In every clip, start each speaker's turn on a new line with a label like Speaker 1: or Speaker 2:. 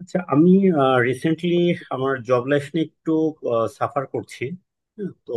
Speaker 1: আচ্ছা, আমি রিসেন্টলি আমার জব লাইফ নিয়ে একটু সাফার করছি। হ্যাঁ, তো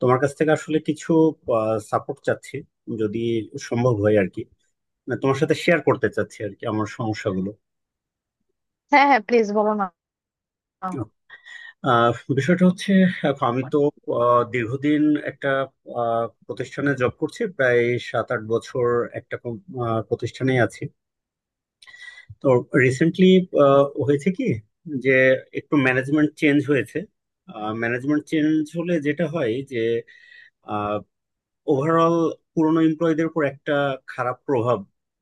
Speaker 1: তোমার কাছ থেকে আসলে কিছু সাপোর্ট চাচ্ছি যদি সম্ভব হয় আর কি। না, তোমার সাথে শেয়ার করতে চাচ্ছি আর কি আমার সমস্যাগুলো।
Speaker 2: হ্যাঁ হ্যাঁ, প্লিজ বলো না।
Speaker 1: আহ, বিষয়টা হচ্ছে এখন আমি তো দীর্ঘদিন একটা প্রতিষ্ঠানে জব করছি, প্রায় 7-8 বছর একটা প্রতিষ্ঠানে আছি। তো রিসেন্টলি হয়েছে কি যে একটু ম্যানেজমেন্ট চেঞ্জ হয়েছে। ম্যানেজমেন্ট চেঞ্জ হলে যেটা হয় যে ওভারঅল পুরনো এমপ্লয়ীদের উপর একটা খারাপ প্রভাব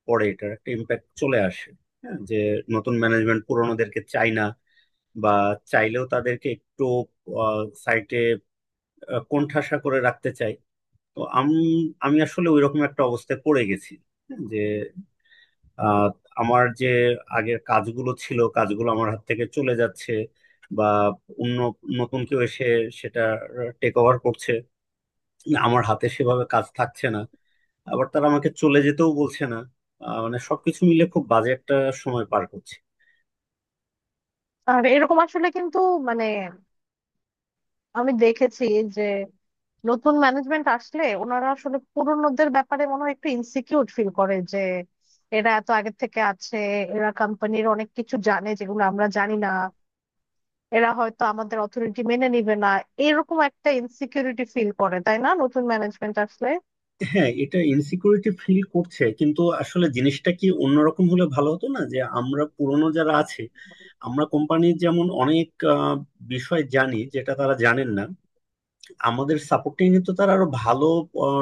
Speaker 1: পড়ে, এটার একটা ইম্প্যাক্ট চলে আসে। হ্যাঁ, যে নতুন ম্যানেজমেন্ট পুরনোদেরকে চায় না, বা চাইলেও তাদেরকে একটু সাইটে কোণঠাসা করে রাখতে চায়। তো আমি আমি আসলে ওইরকম একটা অবস্থায় পড়ে গেছি। হ্যাঁ, যে আহ, আমার যে আগের কাজগুলো ছিল কাজগুলো আমার হাত থেকে চলে যাচ্ছে, বা অন্য নতুন কেউ এসে সেটা টেক ওভার করছে। আমার হাতে সেভাবে কাজ থাকছে না, আবার তারা আমাকে চলে যেতেও বলছে না। মানে সবকিছু মিলে খুব বাজে একটা সময় পার করছে।
Speaker 2: আর এরকম আসলে কিন্তু মানে আমি দেখেছি যে নতুন ম্যানেজমেন্ট আসলে ওনারা আসলে পুরোনোদের ব্যাপারে মনে হয় একটু ইনসিকিউর ফিল করে যে এরা এত আগে থেকে আছে, এরা কোম্পানির অনেক কিছু জানে যেগুলো আমরা জানি না, এরা হয়তো আমাদের অথরিটি মেনে নিবে না। এরকম একটা ইনসিকিউরিটি ফিল করে, তাই না, নতুন ম্যানেজমেন্ট আসলে?
Speaker 1: হ্যাঁ, এটা ইনসিকিউরিটি ফিল করছে, কিন্তু আসলে জিনিসটা কি অন্যরকম হলে ভালো হতো না, যে আমরা পুরনো যারা আছে আমরা কোম্পানির যেমন অনেক আহ, বিষয় জানি যেটা তারা জানেন না। আমাদের সাপোর্টিং তো তারা আরো ভালো আহ,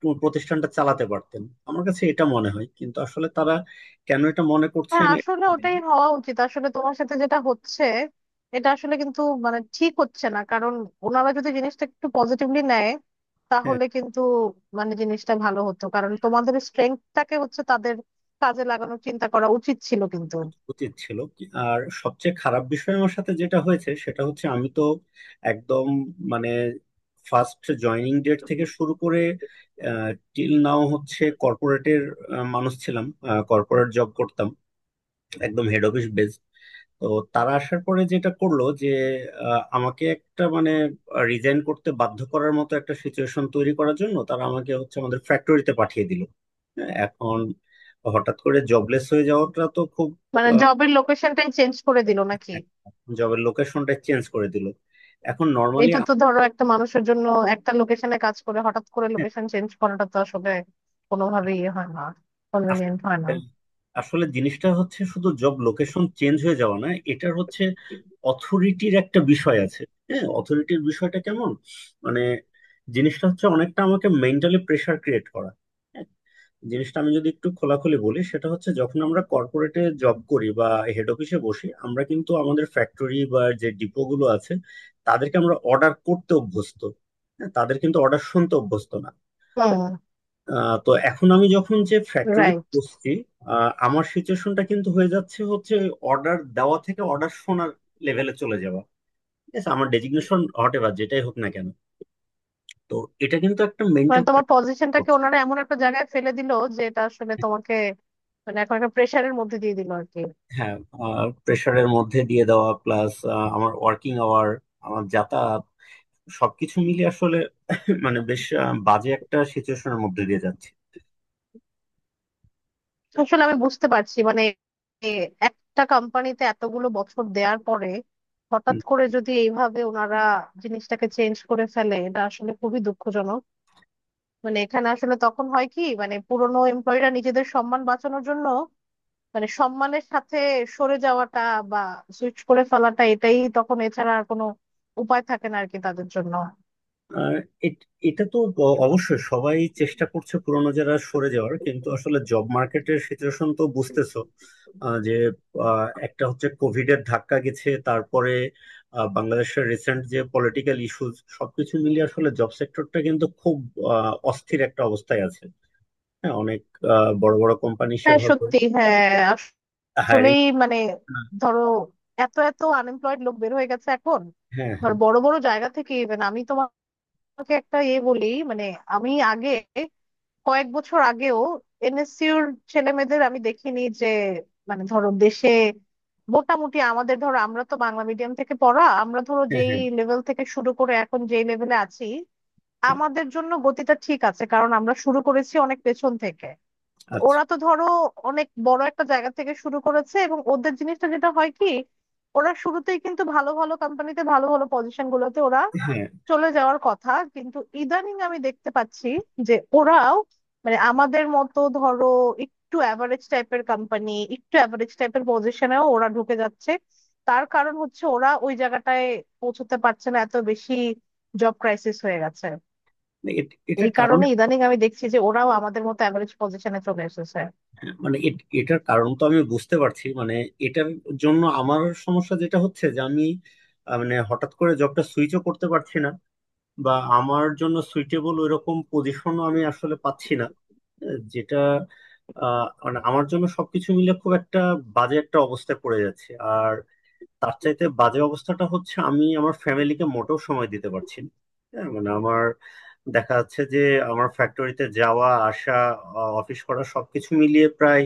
Speaker 1: প্রতিষ্ঠানটা চালাতে পারতেন। আমার কাছে এটা মনে হয়, কিন্তু আসলে তারা কেন এটা মনে
Speaker 2: হ্যাঁ
Speaker 1: করছেন এটা
Speaker 2: আসলে
Speaker 1: জানি না।
Speaker 2: ওটাই হওয়া উচিত। আসলে তোমার সাথে যেটা হচ্ছে এটা আসলে কিন্তু মানে ঠিক হচ্ছে না, কারণ ওনারা যদি জিনিসটা একটু পজিটিভলি নেয়
Speaker 1: হ্যাঁ,
Speaker 2: তাহলে কিন্তু মানে জিনিসটা ভালো হতো, কারণ তোমাদের স্ট্রেংথটাকে হচ্ছে তাদের কাজে লাগানোর চিন্তা করা উচিত ছিল কিন্তু।
Speaker 1: উচিত ছিল আর সবচেয়ে খারাপ বিষয় আমার সাথে যেটা হয়েছে সেটা হচ্ছে আমি তো একদম মানে ফার্স্ট জয়নিং ডেট থেকে শুরু করে টিল নাও হচ্ছে কর্পোরেটের মানুষ ছিলাম, কর্পোরেট জব করতাম, একদম হেড অফিস বেস। তো তারা আসার পরে যেটা করলো যে আমাকে একটা মানে রিজাইন করতে বাধ্য করার মতো একটা সিচুয়েশন তৈরি করার জন্য তারা আমাকে হচ্ছে আমাদের ফ্যাক্টরিতে পাঠিয়ে দিল। হ্যাঁ, এখন হঠাৎ করে জবলেস হয়ে যাওয়াটা তো খুব,
Speaker 2: মানে জবের লোকেশনটাই চেঞ্জ করে দিল নাকি?
Speaker 1: জবের লোকেশনটা চেঞ্জ করে দিল। এখন নর্মালি
Speaker 2: এটা তো ধরো একটা মানুষের জন্য একটা লোকেশনে কাজ করে হঠাৎ করে লোকেশন চেঞ্জ করাটা তো আসলে কোনোভাবেই ইয়ে হয় না, কনভেনিয়েন্ট হয় না।
Speaker 1: আসলে জিনিসটা হচ্ছে শুধু জব লোকেশন চেঞ্জ হয়ে যাওয়া না, এটার হচ্ছে অথরিটির একটা বিষয় আছে। হ্যাঁ, অথরিটির বিষয়টা কেমন মানে জিনিসটা হচ্ছে অনেকটা আমাকে মেন্টালি প্রেসার ক্রিয়েট করা। জিনিসটা আমি যদি একটু খোলাখুলি বলি সেটা হচ্ছে যখন আমরা কর্পোরেটে জব করি বা হেড অফিসে বসি আমরা কিন্তু আমাদের ফ্যাক্টরি বা যে ডিপো গুলো আছে তাদেরকে আমরা অর্ডার করতে অভ্যস্ত। হ্যাঁ, তাদের কিন্তু অর্ডার শুনতে অভ্যস্ত না।
Speaker 2: হুম।
Speaker 1: তো এখন আমি যখন যে ফ্যাক্টরি
Speaker 2: রাইট।
Speaker 1: বসছি আমার সিচুয়েশনটা কিন্তু হয়ে যাচ্ছে, হচ্ছে অর্ডার দেওয়া থেকে অর্ডার শোনার লেভেলে চলে যাওয়া। ঠিক আছে, আমার ডেজিগনেশন হোয়াট এভার যেটাই হোক না কেন। তো এটা কিন্তু একটা
Speaker 2: মানে
Speaker 1: মেন্টাল
Speaker 2: তোমার পজিশনটাকে
Speaker 1: প্রেশার।
Speaker 2: ওনারা এমন একটা জায়গায় ফেলে দিল যে এটা আসলে তোমাকে মানে এখন একটা প্রেশারের মধ্যে দিয়ে দিল আর কি।
Speaker 1: হ্যাঁ, প্রেশারের মধ্যে দিয়ে দেওয়া প্লাস আমার ওয়ার্কিং আওয়ার, আমার যাতায়াত, সবকিছু মিলে আসলে মানে বেশ বাজে একটা সিচুয়েশনের মধ্যে দিয়ে যাচ্ছে।
Speaker 2: আসলে আমি বুঝতে পারছি মানে এ একটা কোম্পানিতে এতগুলো বছর দেওয়ার পরে হঠাৎ
Speaker 1: হুম,
Speaker 2: করে যদি এইভাবে ওনারা জিনিসটাকে চেঞ্জ করে ফেলে এটা আসলে খুবই দুঃখজনক। মানে এখানে আসলে তখন হয় কি, মানে পুরোনো এমপ্লয়িরা নিজেদের সম্মান বাঁচানোর জন্য মানে সম্মানের সাথে সরে যাওয়াটা বা সুইচ করে ফেলাটা এটাই তখন, এছাড়া আর কোনো উপায় থাকে না আর কি তাদের জন্য।
Speaker 1: আর এটা তো অবশ্যই সবাই চেষ্টা করছে পুরোনো যারা সরে যাওয়ার, কিন্তু আসলে জব মার্কেটের সিচুয়েশন তো বুঝতেছো। আহ, যে একটা হচ্ছে কোভিড এর ধাক্কা গেছে, তারপরে বাংলাদেশের রিসেন্ট যে পলিটিক্যাল ইস্যুজ, সবকিছু মিলিয়ে আসলে জব সেক্টরটা কিন্তু খুব অস্থির একটা অবস্থায় আছে। হ্যাঁ, অনেক বড় বড় কোম্পানি
Speaker 2: হ্যাঁ
Speaker 1: সেভাবে
Speaker 2: সত্যি, হ্যাঁ
Speaker 1: হায়ারিং।
Speaker 2: আসলেই মানে ধরো এত এত আনএমপ্লয়েড লোক বের হয়ে গেছে এখন।
Speaker 1: হ্যাঁ,
Speaker 2: ধর
Speaker 1: হ্যাঁ,
Speaker 2: বড় বড় জায়গা থেকে ইভেন আমি তোমাকে একটা এ বলি মানে, আমি আগে কয়েক বছর আগেও এনএসসিউর ছেলে মেয়েদের আমি দেখিনি যে মানে ধরো দেশে মোটামুটি আমাদের, ধরো আমরা তো বাংলা মিডিয়াম থেকে পড়া, আমরা ধরো
Speaker 1: হ্যাঁ,
Speaker 2: যেই
Speaker 1: হ্যাঁ,
Speaker 2: লেভেল থেকে শুরু করে এখন যেই লেভেলে আছি
Speaker 1: হ্যাঁ,
Speaker 2: আমাদের জন্য গতিটা ঠিক আছে, কারণ আমরা শুরু করেছি অনেক পেছন থেকে।
Speaker 1: আচ্ছা।
Speaker 2: ওরা তো ধরো অনেক বড় একটা জায়গা থেকে শুরু করেছে এবং ওদের জিনিসটা যেটা হয় কি, ওরা শুরুতেই কিন্তু ভালো ভালো কোম্পানিতে ভালো ভালো পজিশন গুলোতে ওরা
Speaker 1: হ্যাঁ,
Speaker 2: চলে যাওয়ার কথা, কিন্তু ইদানিং আমি দেখতে পাচ্ছি যে ওরাও মানে আমাদের মতো ধরো একটু অ্যাভারেজ টাইপের কোম্পানি একটু অ্যাভারেজ টাইপের পজিশনেও ওরা ঢুকে যাচ্ছে। তার কারণ হচ্ছে ওরা ওই জায়গাটায় পৌঁছতে পারছে না, এত বেশি জব ক্রাইসিস হয়ে গেছে।
Speaker 1: মানে
Speaker 2: এই
Speaker 1: এটার কারণ,
Speaker 2: কারণে ইদানিং আমি দেখছি যে ওরাও আমাদের মতো অ্যাভারেজ পজিশনে চলে এসেছে।
Speaker 1: মানে এটার কারণ তো আমি বুঝতে পারছি, মানে এটার জন্য আমার সমস্যা যেটা হচ্ছে যে আমি মানে হঠাৎ করে জবটা সুইচও করতে পারছি না, বা আমার জন্য সুইটেবল ওইরকম পজিশনও আমি আসলে পাচ্ছি না। আহ, যেটা মানে আমার জন্য সবকিছু মিলে খুব একটা বাজে একটা অবস্থায় পড়ে যাচ্ছে। তার চাইতে বাজে অবস্থাটা হচ্ছে আমি আমার ফ্যামিলিকে মোটেও সময় দিতে পারছি না। হ্যাঁ, মানে আমার দেখা যাচ্ছে যে আমার ফ্যাক্টরিতে যাওয়া আসা, অফিস করা, সবকিছু মিলিয়ে প্রায়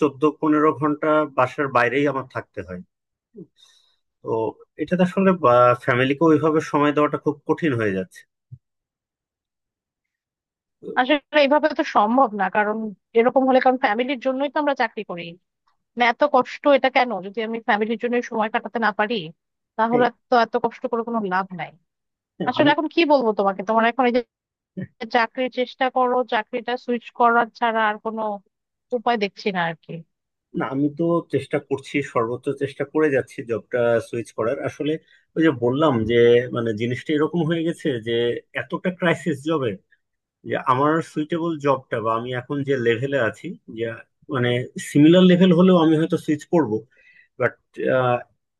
Speaker 1: 14-15 ঘন্টা বাসার বাইরেই আমার থাকতে হয়। তো এটাতে আসলে ফ্যামিলিকে ওইভাবে সময় দেওয়াটা খুব কঠিন হয়ে যাচ্ছে। তো,
Speaker 2: আসলে এইভাবে তো সম্ভব না, কারণ এরকম হলে কারণ ফ্যামিলির জন্যই তো আমরা চাকরি করি। মানে এত কষ্ট এটা কেন, যদি আমি ফ্যামিলির জন্য সময় কাটাতে না পারি
Speaker 1: হ্যাঁ।
Speaker 2: তাহলে তো এত কষ্ট করে কোনো লাভ নাই।
Speaker 1: হ্যাঁ,
Speaker 2: আসলে
Speaker 1: আমি,
Speaker 2: এখন কি বলবো তোমাকে, তোমার এখন এই যে চাকরির চেষ্টা করো, চাকরিটা সুইচ করার ছাড়া আর কোনো উপায় দেখছি না আর কি।
Speaker 1: না আমি তো চেষ্টা করছি, সর্বোচ্চ চেষ্টা করে যাচ্ছি জবটা সুইচ করার। আসলে ওই যে বললাম যে মানে জিনিসটা এরকম হয়ে গেছে যে এতটা ক্রাইসিস জবে যে আমার সুইটেবল জবটা বা আমি এখন যে লেভেলে আছি, যে মানে সিমিলার লেভেল হলেও আমি হয়তো সুইচ করব, বাট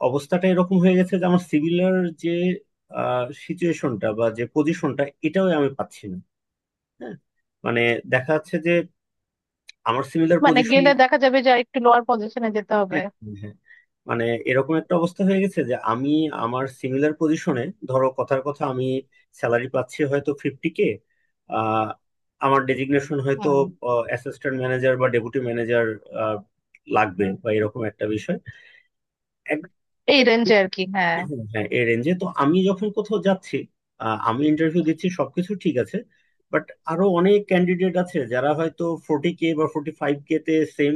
Speaker 1: অবস্থাটা এরকম হয়ে গেছে যে আমার সিমিলার যে সিচুয়েশনটা বা যে পজিশনটা এটাও আমি পাচ্ছি না। হ্যাঁ, মানে দেখা যাচ্ছে যে আমার সিমিলার
Speaker 2: মানে গেলে দেখা যাবে যে আর একটু লোয়ার পজিশনে যেতে হবে।
Speaker 1: পজিশন, মানে এরকম একটা অবস্থা হয়ে গেছে যে আমি আমার সিমিলার পজিশনে ধরো কথার কথা আমি স্যালারি পাচ্ছি হয়তো 50K, আমার ডেজিগনেশন হয়তো
Speaker 2: হ্যাঁ
Speaker 1: অ্যাসিস্ট্যান্ট ম্যানেজার বা ডেপুটি ম্যানেজার লাগবে, বা এরকম একটা বিষয়।
Speaker 2: এই রেঞ্জে আর কি, হ্যাঁ।
Speaker 1: হ্যাঁ, হ্যাঁ, এই রেঞ্জে তো আমি যখন কোথাও যাচ্ছি আমি ইন্টারভিউ দিচ্ছি, সবকিছু ঠিক আছে, বাট আরো অনেক ক্যান্ডিডেট আছে যারা হয়তো 40K বা 45K তে সেম,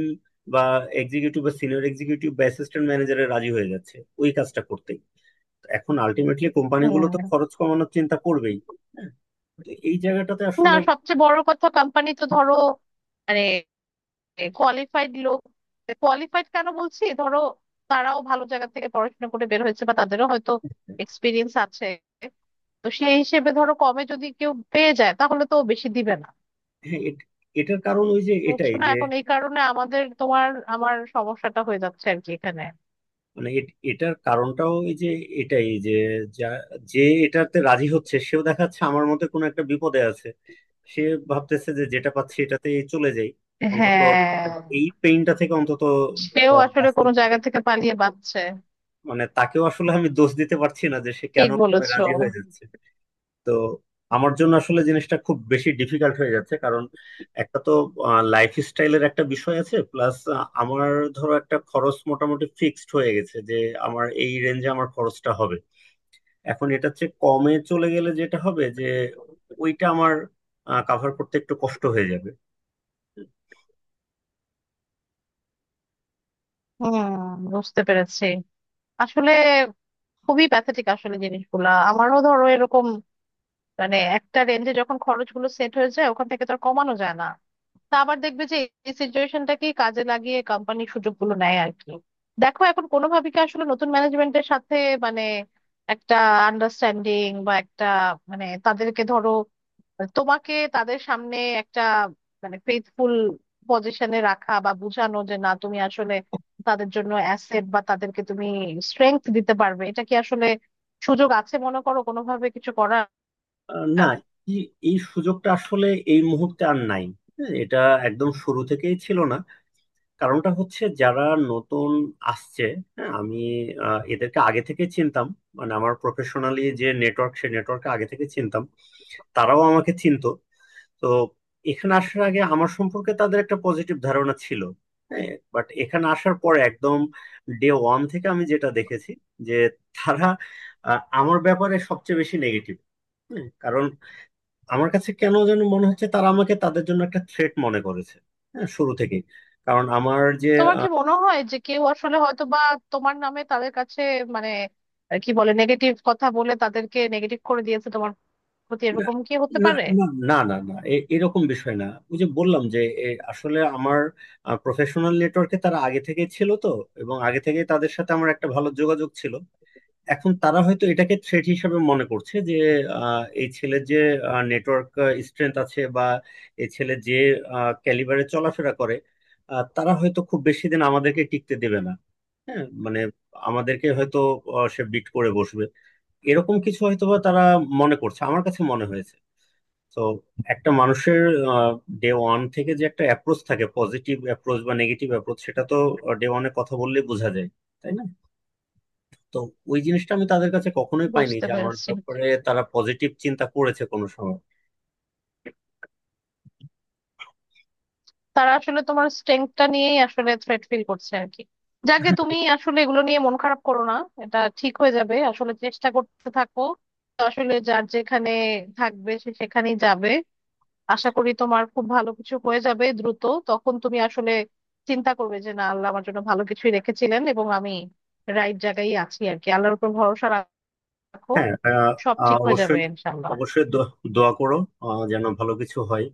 Speaker 1: বা এক্সিকিউটিভ বা সিনিয়র এক্সিকিউটিভ বা অ্যাসিস্ট্যান্ট ম্যানেজারে রাজি হয়ে যাচ্ছে ওই কাজটা করতে। এখন আলটিমেটলি কোম্পানিগুলো তো
Speaker 2: হুম।
Speaker 1: খরচ কমানোর চিন্তা করবেই। হ্যাঁ, তো এই জায়গাটাতে
Speaker 2: না
Speaker 1: আসলে,
Speaker 2: সবচেয়ে বড় কথা কোম্পানি তো ধরো মানে কোয়ালিফাইড লোক, কোয়ালিফাইড কেন বলছি, ধরো তারাও ভালো জায়গা থেকে পড়াশোনা করে বের হয়েছে বা তাদেরও হয়তো এক্সপিরিয়েন্স আছে। তো সেই হিসেবে ধরো কমে যদি কেউ পেয়ে যায় তাহলে তো ও বেশি দিবে না।
Speaker 1: হ্যাঁ, এটার কারণ ওই যে
Speaker 2: বুঝছো
Speaker 1: এটাই
Speaker 2: না,
Speaker 1: যে,
Speaker 2: এখন এই কারণে আমাদের তোমার আমার সমস্যাটা হয়ে যাচ্ছে আর কি এখানে।
Speaker 1: মানে এটার কারণটাও এই যে এটাই যে যা- যে এটাতে রাজি হচ্ছে সেও দেখা যাচ্ছে আমার মতে কোনো একটা বিপদে আছে। সে ভাবতেছে যে যেটা পাচ্ছি এটাতে চলে যাই, অন্তত
Speaker 2: হ্যাঁ
Speaker 1: এই পেইনটা থেকে অন্তত
Speaker 2: সেও আসলে
Speaker 1: বাঁচতে
Speaker 2: কোনো
Speaker 1: পারি।
Speaker 2: জায়গা থেকে পালিয়ে বাঁচছে।
Speaker 1: মানে তাকেও আসলে আমি দোষ দিতে পারছি না যে সে কেন
Speaker 2: ঠিক বলেছো।
Speaker 1: রাজি হয়ে যাচ্ছে। তো আমার জন্য আসলে জিনিসটা খুব বেশি ডিফিকাল্ট হয়ে যাচ্ছে, কারণ একটা তো লাইফ স্টাইলের একটা বিষয় আছে, প্লাস আমার ধরো একটা খরচ মোটামুটি ফিক্সড হয়ে গেছে, যে আমার এই রেঞ্জে আমার খরচটা হবে। এখন এটা হচ্ছে কমে চলে গেলে যেটা হবে যে ওইটা আমার কাভার করতে একটু কষ্ট হয়ে যাবে।
Speaker 2: হুম। বুঝতে পেরেছি। আসলে খুবই প্যাথেটিক আসলে জিনিসগুলা, আমারও ধরো এরকম মানে একটা রেঞ্জে যখন খরচগুলো সেট হয়ে যায় ওখান থেকে তো আর কমানো যায় না। তা আবার দেখবে যে এই সিচুয়েশনটাকে কাজে লাগিয়ে কোম্পানি সুযোগগুলো নেয় আর কি। দেখো এখন কোনোভাবে কি আসলে নতুন ম্যানেজমেন্টের সাথে মানে একটা আন্ডারস্ট্যান্ডিং বা একটা মানে তাদেরকে ধরো তোমাকে তাদের সামনে একটা মানে ফেথফুল পজিশনে রাখা বা বোঝানো যে না তুমি আসলে তাদের জন্য অ্যাসেট বা তাদেরকে তুমি স্ট্রেংথ দিতে পারবে, এটা কি আসলে সুযোগ আছে মনে করো কোনোভাবে কিছু করার?
Speaker 1: না, এই, এই সুযোগটা আসলে এই মুহূর্তে আর নাই। হ্যাঁ, এটা একদম শুরু থেকেই ছিল না। কারণটা হচ্ছে যারা নতুন আসছে, হ্যাঁ আমি এদেরকে আগে থেকে চিনতাম। মানে আমার প্রফেশনালি যে নেটওয়ার্ক সে নেটওয়ার্কে আগে থেকে চিনতাম, তারাও আমাকে চিনতো। তো এখানে আসার আগে আমার সম্পর্কে তাদের একটা পজিটিভ ধারণা ছিল। হ্যাঁ, বাট এখানে আসার পর একদম ডে ওয়ান থেকে আমি যেটা দেখেছি যে তারা আমার ব্যাপারে সবচেয়ে বেশি নেগেটিভ। কারণ আমার কাছে কেন যেন মনে হচ্ছে তারা আমাকে তাদের জন্য একটা থ্রেট মনে করেছে, হ্যাঁ শুরু থেকে। কারণ আমার যে,
Speaker 2: তোমার কি মনে হয় যে কেউ আসলে হয়তো বা তোমার নামে তাদের কাছে মানে কি বলে নেগেটিভ কথা বলে তাদেরকে নেগেটিভ করে দিয়েছে তোমার প্রতি,
Speaker 1: না,
Speaker 2: এরকম কি হতে
Speaker 1: না,
Speaker 2: পারে?
Speaker 1: না, না, না, না, এরকম বিষয় না। ওই যে বললাম যে এ, আসলে আমার প্রফেশনাল নেটওয়ার্কে তারা আগে থেকে ছিল তো, এবং আগে থেকে তাদের সাথে আমার একটা ভালো যোগাযোগ ছিল। এখন তারা হয়তো এটাকে থ্রেট হিসেবে মনে করছে যে এই ছেলের যে নেটওয়ার্ক স্ট্রেংথ আছে, বা এই ছেলে যে ক্যালিবারে চলাফেরা করে তারা হয়তো খুব বেশি দিন আমাদেরকে টিকতে দেবে না। হ্যাঁ, মানে আমাদেরকে হয়তো সে বিট করে বসবে, এরকম কিছু হয়তোবা তারা মনে করছে, আমার কাছে মনে হয়েছে। তো একটা মানুষের ডে ওয়ান থেকে যে একটা অ্যাপ্রোচ থাকে পজিটিভ অ্যাপ্রোচ বা নেগেটিভ অ্যাপ্রোচ সেটা তো ডে ওয়ানে কথা বললেই বোঝা যায়, তাই না? তো ওই জিনিসটা আমি তাদের কাছে কখনোই পাইনি
Speaker 2: বুঝতে
Speaker 1: যে আমার
Speaker 2: পেরেছি।
Speaker 1: ব্যাপারে তারা পজিটিভ চিন্তা করেছে কোনো সময়।
Speaker 2: তারা আসলে তোমার স্ট্রেংথটা নিয়েই আসলে থ্রেট ফিল করছে আর কি। যাকে তুমি আসলে এগুলো নিয়ে মন খারাপ করো না, এটা ঠিক হয়ে যাবে, আসলে চেষ্টা করতে থাকো। তো আসলে যার যেখানে থাকবে সে সেখানেই যাবে। আশা করি তোমার খুব ভালো কিছু হয়ে যাবে দ্রুত। তখন তুমি আসলে চিন্তা করবে যে না আল্লাহ আমার জন্য ভালো কিছুই রেখেছিলেন এবং আমি রাইট জায়গায় আছি আর কি। আল্লাহর উপর ভরসা রাখো।
Speaker 1: হ্যাঁ, আহ,
Speaker 2: সব
Speaker 1: আহ,
Speaker 2: ঠিক হয়ে যাবে
Speaker 1: অবশ্যই,
Speaker 2: ইনশাল্লাহ।
Speaker 1: অবশ্যই দোয়া করো, যেন ভালো কিছু হয়।